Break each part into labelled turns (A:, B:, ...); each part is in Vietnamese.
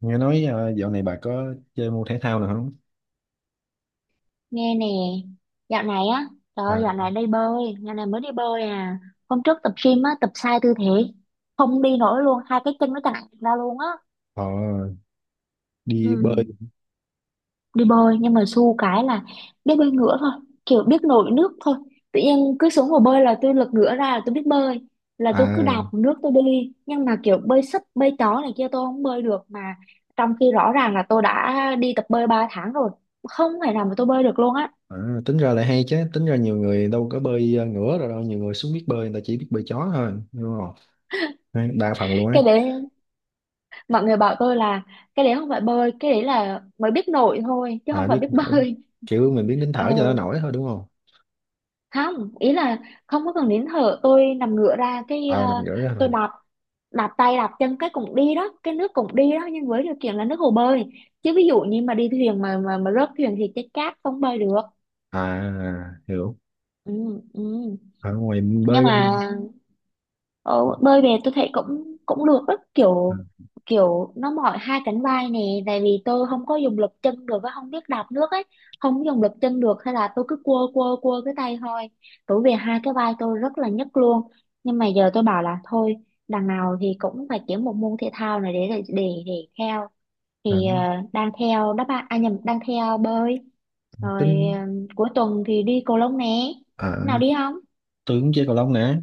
A: Nghe nói dạo này bà có chơi môn thể thao nào không?
B: Nghe nè, dạo này á, trời ơi,
A: À,
B: dạo này đi bơi, dạo này mới đi bơi à. Hôm trước tập gym á, tập sai tư thế, không đi nổi luôn, hai cái chân nó chằng ra luôn á.
A: họ. Đi bơi.
B: Ừ, đi bơi nhưng mà xu cái là biết bơi ngửa thôi, kiểu biết nổi nước thôi. Tự nhiên cứ xuống hồ bơi là tôi lật ngửa ra là tôi biết bơi, là tôi cứ đạp
A: À,
B: nước tôi đi. Nhưng mà kiểu bơi sấp, bơi chó này kia tôi không bơi được, mà trong khi rõ ràng là tôi đã đi tập bơi 3 tháng rồi, không thể nào mà tôi bơi được luôn á.
A: à, tính ra lại hay chứ, tính ra nhiều người đâu có bơi ngửa rồi, đâu nhiều người xuống biết bơi, người ta chỉ biết bơi chó thôi, đúng không? Đấy, đa phần luôn á.
B: Cái đấy mọi người bảo tôi là cái đấy không phải bơi, cái đấy là mới biết nổi thôi chứ
A: À,
B: không phải
A: biết
B: biết
A: nổi.
B: bơi.
A: Kiểu mình biết nín
B: Ừ,
A: thở cho nó nổi thôi, đúng không?
B: không ý là không có cần nín thở, tôi nằm ngửa ra cái
A: À, nằm ngửa ra
B: tôi
A: thôi.
B: đạp, đạp tay đạp chân cái cũng đi đó, cái nước cũng đi đó, nhưng với điều kiện là nước hồ bơi chứ ví dụ như mà đi thuyền mà rớt thuyền thì chết chát, không bơi được.
A: À, hiểu.
B: Ừ, ừ.
A: Ở ngoài
B: Nhưng
A: bơi.
B: mà Ờ, bơi về tôi thấy cũng cũng được đó, kiểu kiểu nó mỏi hai cánh vai nè, tại vì tôi không có dùng lực chân được á, không biết đạp nước ấy, không dùng lực chân được, hay là tôi cứ quơ quơ quơ cái tay thôi, tối về hai cái vai tôi rất là nhức luôn. Nhưng mà giờ tôi bảo là thôi, đằng nào thì cũng phải kiếm một môn thể thao này để theo,
A: À,
B: thì đang theo đáp án, à nhầm, đang theo bơi
A: à,
B: rồi.
A: tính.
B: Ờ, Cuối tuần thì đi cầu lông nè, nào
A: À,
B: đi không.
A: tôi cũng chơi cầu lông nè,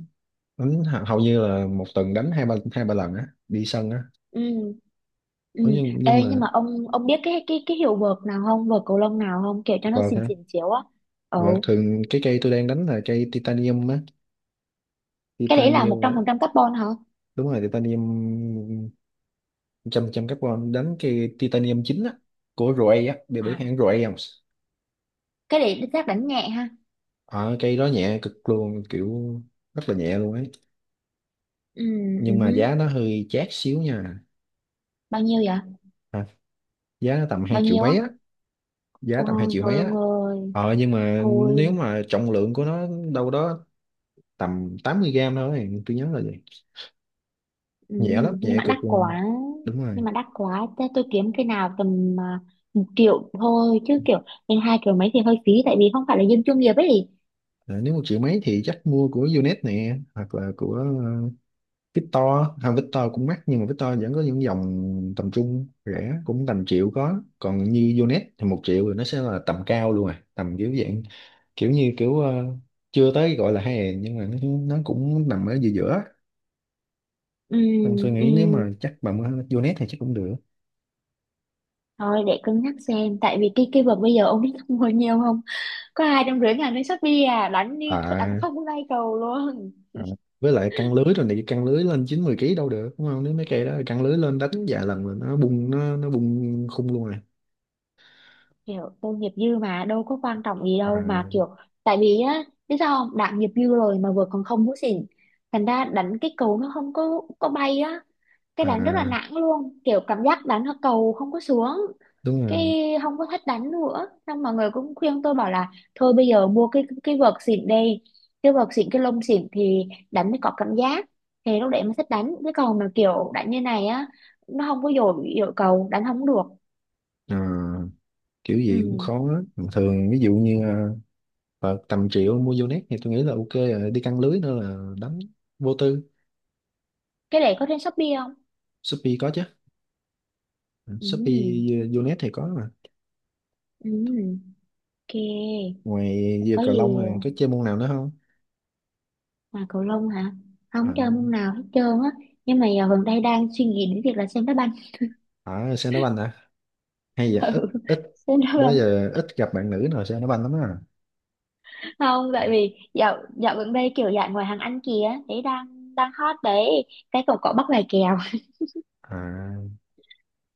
A: đánh hầu như là một tuần đánh hai ba lần á, đi sân á.
B: Ừ. Ừ.
A: Ủa, nhưng
B: Ê, nhưng
A: mà
B: mà ông biết cái hiệu vợt nào không, vợt cầu lông nào không, kiểu cho nó xịn
A: vâng.
B: xịn chiếu á. Ừ.
A: Và thường cái cây tôi đang đánh là cây titanium á.
B: Cái đấy là một
A: Titanium.
B: trăm
A: À,
B: phần trăm carbon hả?
A: đúng rồi, titanium. Trăm trăm carbon, đánh cây titanium chính á của ROA á. Đều biết
B: À,
A: hãng ROA không?
B: cái đấy chắc đánh nhẹ ha.
A: Ờ, cây đó nhẹ cực luôn, kiểu rất là nhẹ luôn ấy,
B: Ừ, ừ.
A: nhưng mà
B: Hứ.
A: giá nó hơi chát xíu nha.
B: Bao nhiêu vậy?
A: À, giá nó tầm hai
B: Bao
A: triệu
B: nhiêu á?
A: mấy á. Giá tầm hai
B: Ôi
A: triệu mấy
B: thôi ông
A: á.
B: ơi,
A: Nhưng mà nếu
B: thôi.
A: mà trọng lượng của nó đâu đó tầm 80 gram thôi, tôi nhớ là vậy.
B: Ừ.
A: Nhẹ lắm,
B: Nhưng
A: nhẹ
B: mà
A: cực
B: đắt
A: luôn.
B: quá,
A: Đúng
B: nhưng
A: rồi.
B: mà đắt quá, thế tôi kiếm cái nào tầm một triệu thôi chứ, kiểu lên hai triệu mấy thì hơi phí, tại vì không phải là dân chuyên nghiệp ấy.
A: Ờ, nếu 1 triệu mấy thì chắc mua của Unet nè, hoặc là của Victor. À, Victor cũng mắc nhưng mà Victor vẫn có những dòng tầm trung, rẻ cũng tầm triệu có, còn như Unet thì 1 triệu rồi nó sẽ là tầm cao luôn, à tầm kiểu dạng, kiểu như kiểu chưa tới gọi là hè, nhưng mà nó cũng nằm ở giữa giữa.
B: Ừ,
A: Nên tôi
B: ừ.
A: nghĩ nếu mà chắc bà mua Unet thì chắc cũng được.
B: Thôi để cân nhắc xem, tại vì cái vợt bây giờ ông biết mua nhiều không, có 250 ngàn lên Shopee à, đánh như đánh
A: À,
B: không có bay cầu luôn.
A: à, với lại căng lưới rồi này, căng lưới lên chín mười ký đâu được, đúng không? Nếu mấy cây đó căng lưới lên đánh vài lần là nó bung khung luôn à.
B: Kiểu tôi nghiệp dư mà đâu có quan trọng gì
A: À,
B: đâu, mà kiểu tại vì á, biết sao không, đã nghiệp dư rồi mà vừa còn không hút xỉn, thành ra đánh cái cầu nó không có có bay á, cái đánh rất là
A: à,
B: nản luôn, kiểu cảm giác đánh cầu không có xuống,
A: đúng rồi.
B: cái không có thích đánh nữa. Xong mọi người cũng khuyên tôi bảo là thôi bây giờ mua cái vợt xịn đi, cái vợt xịn cái lông xịn thì đánh mới có cảm giác, thì lúc đấy mới thích đánh, cái còn mà kiểu đánh như này á nó không có dội dội cầu, đánh không được.
A: Ờ, kiểu gì cũng
B: Ừ.
A: khó á. Thường ví dụ như Phật tầm triệu mua vô net thì tôi nghĩ là ok rồi, đi căng lưới nữa là đánh vô tư.
B: Cái này có trên Shopee không?
A: Shopee có chứ. Ừ,
B: Ừ.
A: Shopee, vô net thì có mà.
B: Ừ. Ok.
A: Ngoài giờ
B: Có
A: cầu
B: gì
A: lông này có chơi môn nào nữa không?
B: mà cầu lông hả?
A: À,
B: Không chơi môn nào hết trơn á. Nhưng mà giờ gần đây đang suy nghĩ đến việc là xem đá banh.
A: à, xe đá banh à? Hay giờ ít
B: Ừ.
A: ít,
B: Xem đá
A: đó
B: banh.
A: giờ ít gặp bạn nữ nào xe đá banh lắm á.
B: Không, tại vì dạo dạo gần đây kiểu dạng ngoài hàng ăn kìa đấy đang đang hot đấy, cái cũng có bắt vài kèo.
A: À,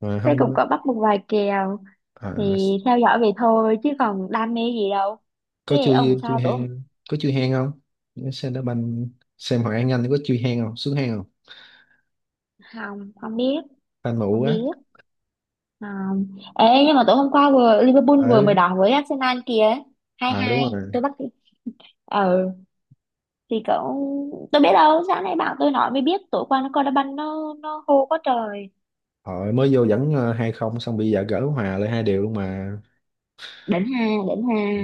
A: mà
B: Cái cũng
A: không.
B: có bắt một vài kèo,
A: À,
B: thì theo dõi vậy thôi chứ còn đam mê gì đâu. Thế
A: có
B: ông
A: chui chui
B: sao tối hôm-.
A: hang, có chui hang không? Xe đá banh, xem Hoàng An Anh có chui hang không, xuống hang không?
B: Không, không biết,
A: Fan mụ
B: không
A: quá.
B: biết, không. Ê, nhưng mà tối hôm qua vừa Liverpool vừa mới
A: Ừ.
B: đỏ với Arsenal kìa, hai
A: À đúng
B: hai
A: rồi,
B: tôi bắt. Ừ, thì cậu tôi biết đâu, sáng nay bạn tôi nói mới biết tối qua nó coi đá banh, nó hô quá trời.
A: họ mới vô dẫn 2-0, xong bây giờ gỡ hòa lại hai điều luôn mà.
B: Đỉnh ha, đỉnh ha.
A: Ừ.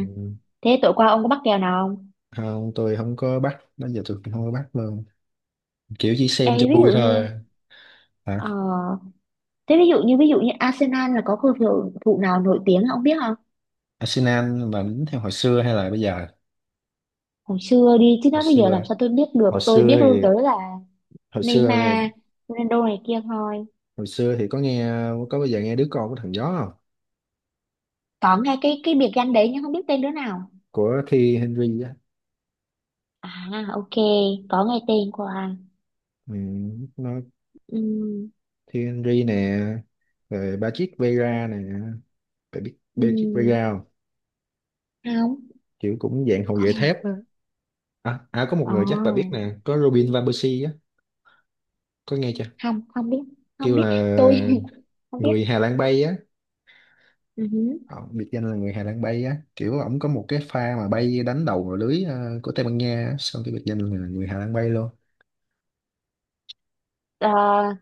B: Thế tối qua ông có bắt kèo nào không?
A: Không, tôi không có bắt, đó giờ tôi cũng không có bắt luôn, kiểu chỉ
B: Ê,
A: xem cho
B: ví
A: vui
B: dụ như,
A: thôi. Hả?
B: ờ, thế ví dụ như Arsenal là có cầu thủ thủ nào nổi tiếng không, biết không?
A: Arsenal mà đánh theo hồi xưa hay là bây giờ?
B: Hồi xưa đi chứ,
A: Hồi
B: nói bây giờ làm
A: xưa.
B: sao tôi biết được.
A: Hồi
B: Tôi
A: xưa
B: biết luôn
A: thì,
B: tới là
A: hồi xưa.
B: Neymar, Ronaldo này kia thôi.
A: Hồi xưa thì có nghe. Có, bây giờ nghe đứa con của thằng gió không?
B: Có nghe cái biệt danh đấy nhưng không biết tên đứa nào.
A: Của Thi Henry á.
B: À ok, có nghe tên của à.
A: Ừ, nó.
B: Ừ,
A: Thi Henry nè, rồi Patrick Vieira nè, phải biết
B: ừ,
A: Patrick Vieira không?
B: không.
A: Kiểu cũng dạng hậu vệ thép á. À, à có một
B: Ờ,
A: người chắc bà biết nè, có Robin Van Persie á, có nghe chưa?
B: không, không biết, không
A: Kêu
B: biết.
A: là
B: Tôi không biết.
A: người Hà Lan bay á.
B: Ừ hứ.
A: Ờ, biệt danh là người Hà Lan bay á, kiểu ổng có một cái pha mà bay đánh đầu vào lưới của Tây Ban Nha á, xong cái biệt danh là người Hà Lan bay luôn.
B: Ờ,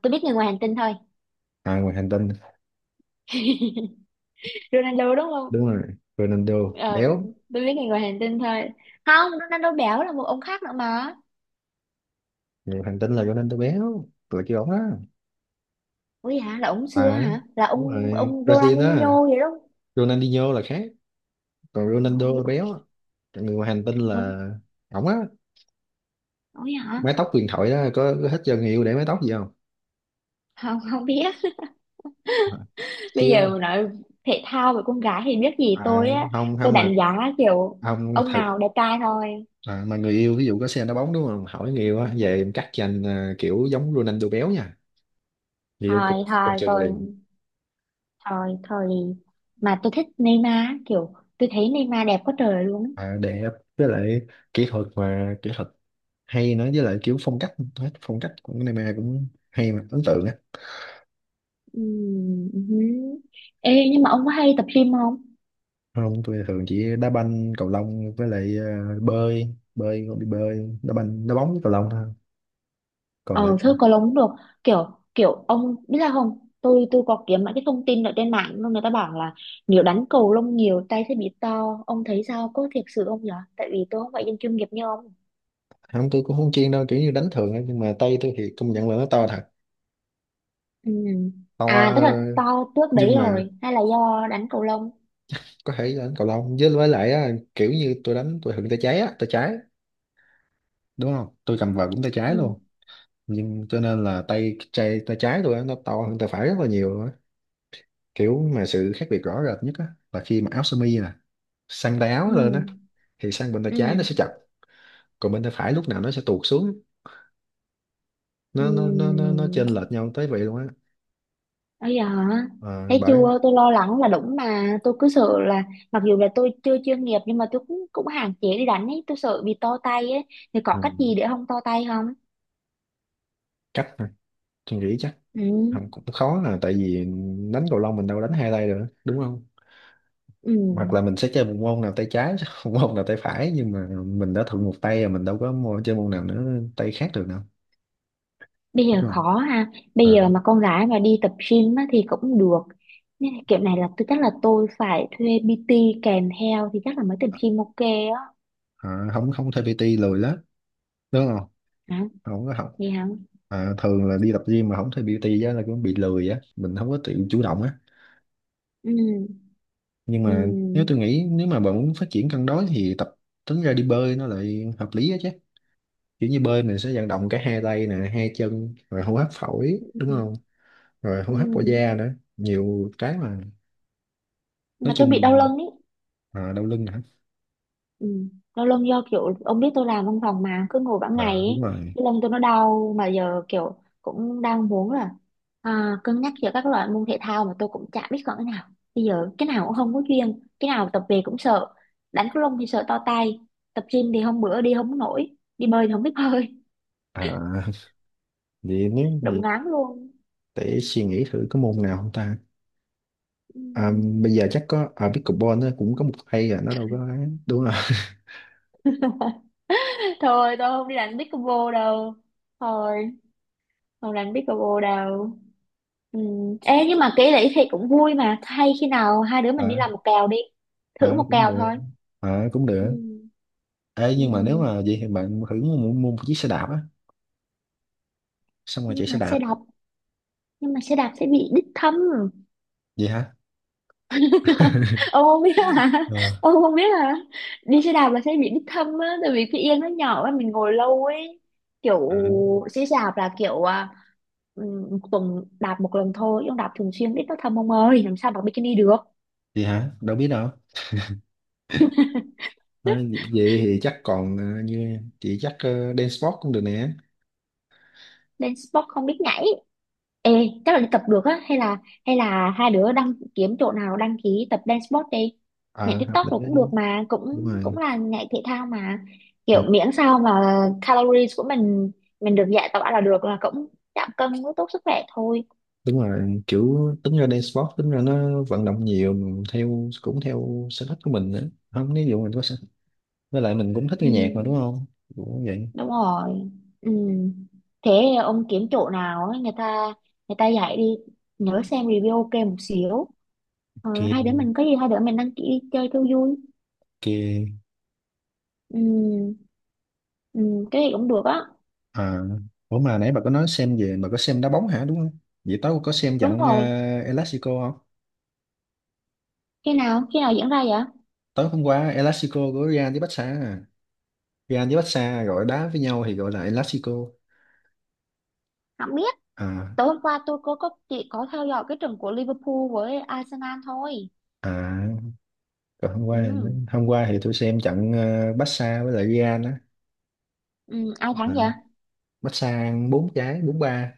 B: tôi biết người ngoài hành tinh thôi.
A: À, ngoài hành tinh,
B: Ronaldo đúng không?
A: đúng rồi, Ronaldo
B: ờ
A: béo.
B: tôi biết người ngoài hành tinh thôi, không Ronaldo béo là một ông khác nữa mà.
A: Người hành tinh là Ronaldo béo, là kêu ổng đó.
B: Ủa hả, là ông xưa
A: À
B: hả, là
A: đúng
B: ông
A: rồi,
B: ông
A: Brazil đó,
B: Ronaldinho vậy đó.
A: Ronaldinho là khác, còn Ronaldo
B: Ôi,
A: là béo á. Còn người ngoài hành tinh
B: ôi,
A: là ổng á,
B: ôi hả.
A: mái tóc huyền thoại đó, có thích cho người yêu để mái tóc gì không?
B: Không, không biết. Bây
A: Chứ
B: giờ mà nói thể thao về con gái thì biết gì tôi
A: à,
B: á,
A: không
B: tôi
A: không mà.
B: đánh giá kiểu
A: Không
B: ông
A: thật.
B: nào đẹp trai thôi.
A: À, mà người yêu ví dụ có xe đá bóng đúng không, hỏi người yêu á về em cắt dành à, kiểu giống Ronaldo béo nha, người yêu cười
B: Thôi
A: cười
B: thôi
A: chừng
B: tôi,
A: liền.
B: thôi thôi, mà tôi thích Neymar, kiểu tôi thấy Neymar đẹp quá trời luôn.
A: À, đẹp, với lại kỹ thuật mà, kỹ thuật hay nữa, với lại kiểu phong cách, hết phong cách của Neymar cũng hay mà ấn tượng á.
B: Hứ. Ê, nhưng mà ông có hay tập gym không?
A: Không, tôi thường chỉ đá banh cầu lông với lại bơi bơi, đi bơi, đá banh, đá bóng với cầu lông thôi, còn lại
B: Ờ thôi có lống được, kiểu kiểu ông biết là không, tôi có kiếm mấy cái thông tin ở trên mạng luôn, người ta bảo là nếu đánh cầu lông nhiều tay sẽ bị to, ông thấy sao, có thiệt sự không nhở, tại vì tôi không phải dân chuyên nghiệp như ông.
A: không. Tôi cũng không chuyên đâu, kiểu như đánh thường á, nhưng mà tay tôi thì công nhận là nó to thật.
B: Ừ.
A: To.
B: À tức là to trước đấy
A: Nhưng mà
B: rồi hay là do đánh cầu lông?
A: có thể đánh cầu lông với lại á, kiểu như tôi đánh tôi hựng tay trái á, tay trái, đúng không? Tôi cầm vợt cũng tay trái
B: Ừ.
A: luôn. Nhưng cho nên là tay tay tay trái tôi á, nó to hơn tay phải rất là nhiều luôn á. Kiểu mà sự khác biệt rõ rệt nhất á là khi mà áo sơ mi nè, sang tay áo lên á
B: Ừ.
A: thì sang bên tay trái nó
B: Ừ.
A: sẽ chặt, còn bên tay phải lúc nào nó sẽ tuột xuống,
B: Ừ.
A: nó chênh lệch nhau tới vậy luôn á.
B: Bây giờ hả?
A: Ờ,
B: Thấy
A: bởi.
B: chưa, tôi lo lắng là đúng mà, tôi cứ sợ là mặc dù là tôi chưa chuyên nghiệp nhưng mà tôi cũng cũng hạn chế đi đánh ấy, tôi sợ bị to tay ấy. Thì có cách gì
A: Ừ,
B: để không to tay không?
A: chắc thôi, tôi nghĩ chắc
B: Ừ.
A: không, cũng khó là tại vì đánh cầu lông mình đâu đánh hai tay được, đúng không?
B: Ừ.
A: Hoặc là mình sẽ chơi một môn nào tay trái một môn nào tay phải, nhưng mà mình đã thuận một tay rồi, mình đâu có môn, chơi môn nào nữa tay khác được đâu,
B: Bây
A: đúng
B: giờ
A: không?
B: khó ha,
A: À,
B: bây giờ mà con gái mà đi tập gym á, thì cũng được, nên là kiểu này là tôi chắc là tôi phải thuê PT kèm theo thì chắc là mới tập gym ok á.
A: à, không, không thuê PT lười lắm, đúng không?
B: Hả?
A: Không có học.
B: Vậy hả?
A: À, thường là đi tập gym mà không thuê PT á là cũng bị lười á, mình không có tự chủ động á.
B: Ừ.
A: Nhưng
B: Ừ.
A: mà nếu tôi nghĩ nếu mà bạn muốn phát triển cân đối thì tập, tính ra đi bơi nó lại hợp lý á chứ. Kiểu như bơi mình sẽ vận động cả hai tay nè, hai chân, rồi hô hấp phổi, đúng
B: Ừ.
A: không? Rồi hô
B: Ừ.
A: hấp qua da nữa, nhiều cái mà. Nói
B: Mà tôi
A: chung
B: bị đau
A: mình.
B: lưng ý.
A: À, đau lưng hả?
B: Ừ. Lâu lông do kiểu ông biết tôi làm văn phòng mà cứ ngồi cả ngày
A: À, đúng
B: ấy,
A: rồi.
B: cái lưng tôi nó đau, mà giờ kiểu cũng đang muốn là cân nhắc giữa các loại môn thể thao, mà tôi cũng chả biết chọn cái nào. Bây giờ cái nào cũng không có chuyên, cái nào tập về cũng sợ, đánh cầu lông thì sợ to tay, tập gym thì hôm bữa đi không có nổi, đi bơi thì không biết bơi.
A: À, vậy nếu
B: Đụng
A: vậy
B: ngán luôn.
A: để suy nghĩ thử có môn nào không ta?
B: Ừ.
A: À, bây giờ chắc có ở pickleball nó cũng có một hay à nó đâu có ấy. Đúng không?
B: Thôi tôi không đi đánh pickleball đâu, thôi, không đánh pickleball đâu. Ừ. Ê, nhưng mà kể lĩ thì cũng vui mà, hay khi nào hai đứa mình đi làm
A: À,
B: một kèo đi, thử
A: à
B: một
A: cũng
B: kèo
A: được,
B: thôi.
A: à cũng
B: Ừ.
A: được. Ê,
B: Ừ.
A: nhưng mà nếu mà vậy thì bạn thử mua một chiếc xe đạp á, xong rồi
B: Nhưng
A: chạy xe
B: mà
A: đạp.
B: xe đạp, nhưng mà xe đạp sẽ bị đích thâm.
A: Vậy hả?
B: Ông không biết hả,
A: Ờ.
B: ông không biết hả? Đi xe đạp là sẽ bị đích thâm á, tại vì cái yên nó nhỏ á, mình ngồi lâu ấy, kiểu
A: À,
B: xe đạp là kiểu ừ, một tuần đạp một lần thôi chứ đạp thường xuyên ít nó thâm ông ơi, làm sao mặc bikini được.
A: vậy hả, đâu biết đâu. À, vậy, vậy thì chắc còn à, như chị chắc dance sport cũng được nè.
B: Lên sport không biết nhảy. Ê, chắc là đi tập được á, hay là hai đứa đăng kiếm chỗ nào đăng ký tập dance sport đi. Nhảy
A: Ờ hợp
B: TikTok rồi
A: lý đó
B: cũng
A: chứ.
B: được mà, cũng
A: Đúng rồi.
B: cũng là nhảy thể thao mà.
A: Ừ.
B: Kiểu miễn sao mà calories của mình được giải tỏa là được, là cũng giảm cân cũng tốt sức khỏe thôi.
A: Đúng rồi, kiểu tính ra đây sport tính ra nó vận động nhiều, mình theo cũng theo sở thích của mình nữa, không ví dụ mình có sở, với lại mình cũng thích nghe
B: Ừ,
A: nhạc mà, đúng không? Cũng vậy.
B: đúng rồi. Ừ. Thế ông kiếm chỗ nào á, người ta dạy đi, nhớ xem review ok một xíu. Ờ,
A: Kia
B: hai đứa mình có gì hai đứa mình đăng ký đi chơi cho vui.
A: kia.
B: Ừ, ừ, cái gì cũng được á.
A: À, ủa mà nãy bà có nói xem, về bà có xem đá bóng hả đúng không? Vậy tối có xem
B: Đúng
A: trận
B: rồi.
A: Elastico không?
B: Khi nào? Khi nào diễn ra vậy?
A: Tối hôm qua Elastico của Real với Barca à. Real với Barca gọi đá với nhau thì gọi là Elastico.
B: Không biết.
A: À,
B: Tối hôm qua tôi có chỉ có theo dõi cái trận của Liverpool với Arsenal thôi.
A: à còn hôm qua,
B: Ừ.
A: hôm qua thì tôi xem trận Barca với lại Real á.
B: Ừ. Ai
A: À,
B: thắng vậy?
A: massage bốn trái 4-3.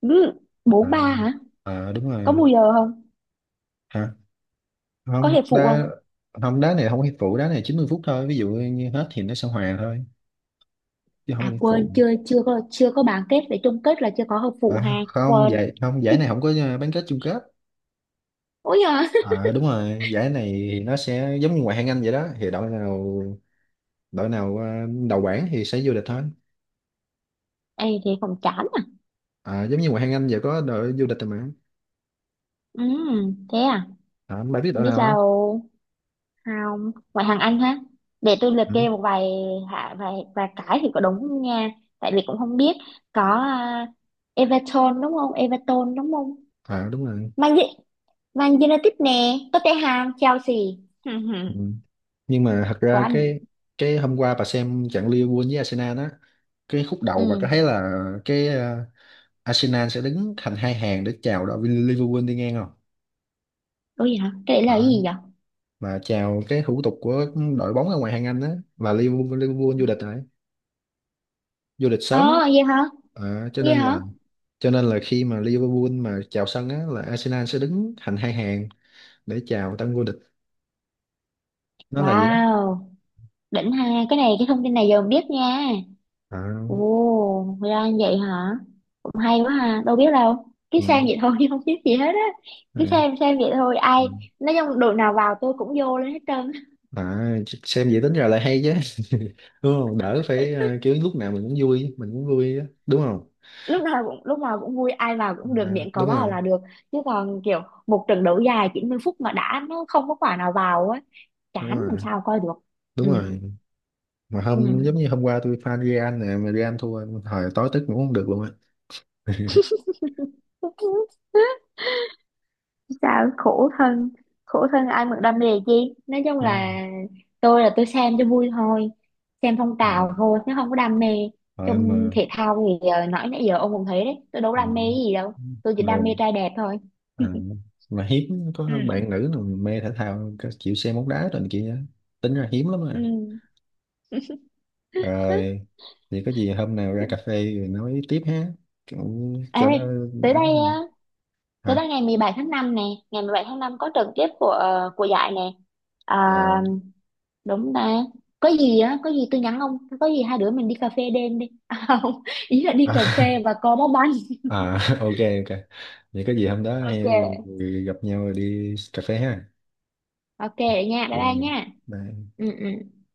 B: Ừ.
A: À,
B: 4-3 hả?
A: à đúng
B: Có
A: rồi.
B: bù giờ không?
A: Hả?
B: Có
A: Không
B: hiệp phụ không?
A: đá, không đá này không có hiệp phụ, đá này 90 phút thôi, ví dụ như hết thì nó sẽ hòa thôi, chứ không có
B: À
A: hiệp
B: quên,
A: phụ.
B: chưa chưa có chưa có bán kết để chung kết là chưa có hợp phụ
A: À,
B: ha.
A: không
B: Quên.
A: giải, không giải này không có bán kết chung kết.
B: Ôi giời.
A: À, đúng rồi, giải này thì nó sẽ giống như ngoại hạng Anh vậy đó, thì đội nào, đội nào đầu bảng thì sẽ vô địch thôi.
B: Ê thế còn chán à.
A: À, giống như ngoại hạng Anh vậy, có đội vô địch rồi mà.
B: Ừ, thế à?
A: À, bạn biết
B: Không
A: đội
B: biết
A: nào không?
B: đâu, không, ngoại hạng Anh ha, để tôi liệt
A: Ừ.
B: kê một vài, hạ vài vài cái thì có đúng nha, tại vì cũng không biết, có Everton đúng không, Everton đúng không,
A: À đúng rồi.
B: Man, U-, Man United nè, Tottenham, Chelsea.
A: Ừ. Nhưng mà thật ra
B: Quá đỉnh.
A: cái hôm qua bà xem trận Liverpool với Arsenal đó, cái khúc
B: Ừ.
A: đầu bà có thấy là cái Arsenal sẽ đứng thành hai hàng để chào đội Liverpool đi ngang không?
B: Ủa gì hả, cái đấy là
A: Đó.
B: cái gì vậy?
A: Mà chào cái thủ tục của đội bóng ở ngoài hàng Anh á, và Liverpool, Liverpool vô địch rồi, vô địch sớm á.
B: Ờ. Gì hả?
A: Ờ, cho
B: Gì
A: nên
B: hả?
A: là, cho nên là khi mà Liverpool mà chào sân á là Arsenal sẽ đứng thành hai hàng để chào tân vô địch. Nó là gì đó.
B: Wow, đỉnh ha, cái này cái thông tin này giờ mình biết nha.
A: Ờ,
B: Ồ ra như vậy hả, hay quá ha, đâu biết đâu, cứ
A: ừ,
B: xem vậy thôi chứ không biết gì hết á,
A: à,
B: cứ xem vậy thôi ai,
A: ừ.
B: nói chung đội nào vào tôi cũng vô lên hết trơn.
A: À xem vậy tính ra lại hay chứ đúng không, đỡ phải kiểu lúc nào mình cũng vui, mình cũng vui á, đúng không?
B: Lúc nào cũng lúc nào cũng vui, ai vào cũng được,
A: À,
B: miệng có
A: đúng
B: vào
A: rồi.
B: là được, chứ còn kiểu một trận đấu dài 90 phút mà đã nó không có quả nào vào á,
A: Đúng
B: chán, làm
A: rồi.
B: sao coi được.
A: Đúng
B: Ừ.
A: rồi. Mà hôm, giống
B: Ừ.
A: như hôm qua tôi fan Real nè, mà Real thua, thời tối tức ngủ không được luôn á.
B: Sao khổ thân, khổ thân ai mà đam mê chi, nói chung
A: Đúng
B: là tôi xem cho vui thôi, xem phong
A: rồi. Ừ,
B: trào thôi chứ không có đam mê.
A: ờ,
B: Trong
A: mà.
B: thể thao thì nói nãy giờ ông cũng thấy đấy, tôi đâu có
A: Ừ.
B: đam mê cái gì đâu, tôi chỉ
A: Mà
B: đam mê trai đẹp thôi.
A: à, mà hiếm
B: Ừ.
A: có bạn nữ nào mê thể thao chịu xem bóng đá rồi này kia á. Tính ra hiếm lắm à.
B: Ừ.
A: Rồi thì có gì hôm nào ra cà phê rồi nói tiếp ha, cũng
B: Ê,
A: cho nó.
B: tới
A: Ấy.
B: đây á, tới
A: Hả?
B: đây ngày 17 tháng 5 nè, ngày 17 tháng 5 có trận tiếp của của giải nè.
A: À,
B: À, đúng ta, có gì á, có gì tôi nhắn ông, có gì hai đứa mình đi cà phê đêm đi. À không, ý là đi cà phê và co bóng bàn.
A: à ok ok, vậy có gì hôm đó hay
B: Ok
A: gặp nhau rồi đi cà phê ha.
B: ok, vậy nha,
A: Chị
B: bye bye nha.
A: bye.
B: Ừ, ừ.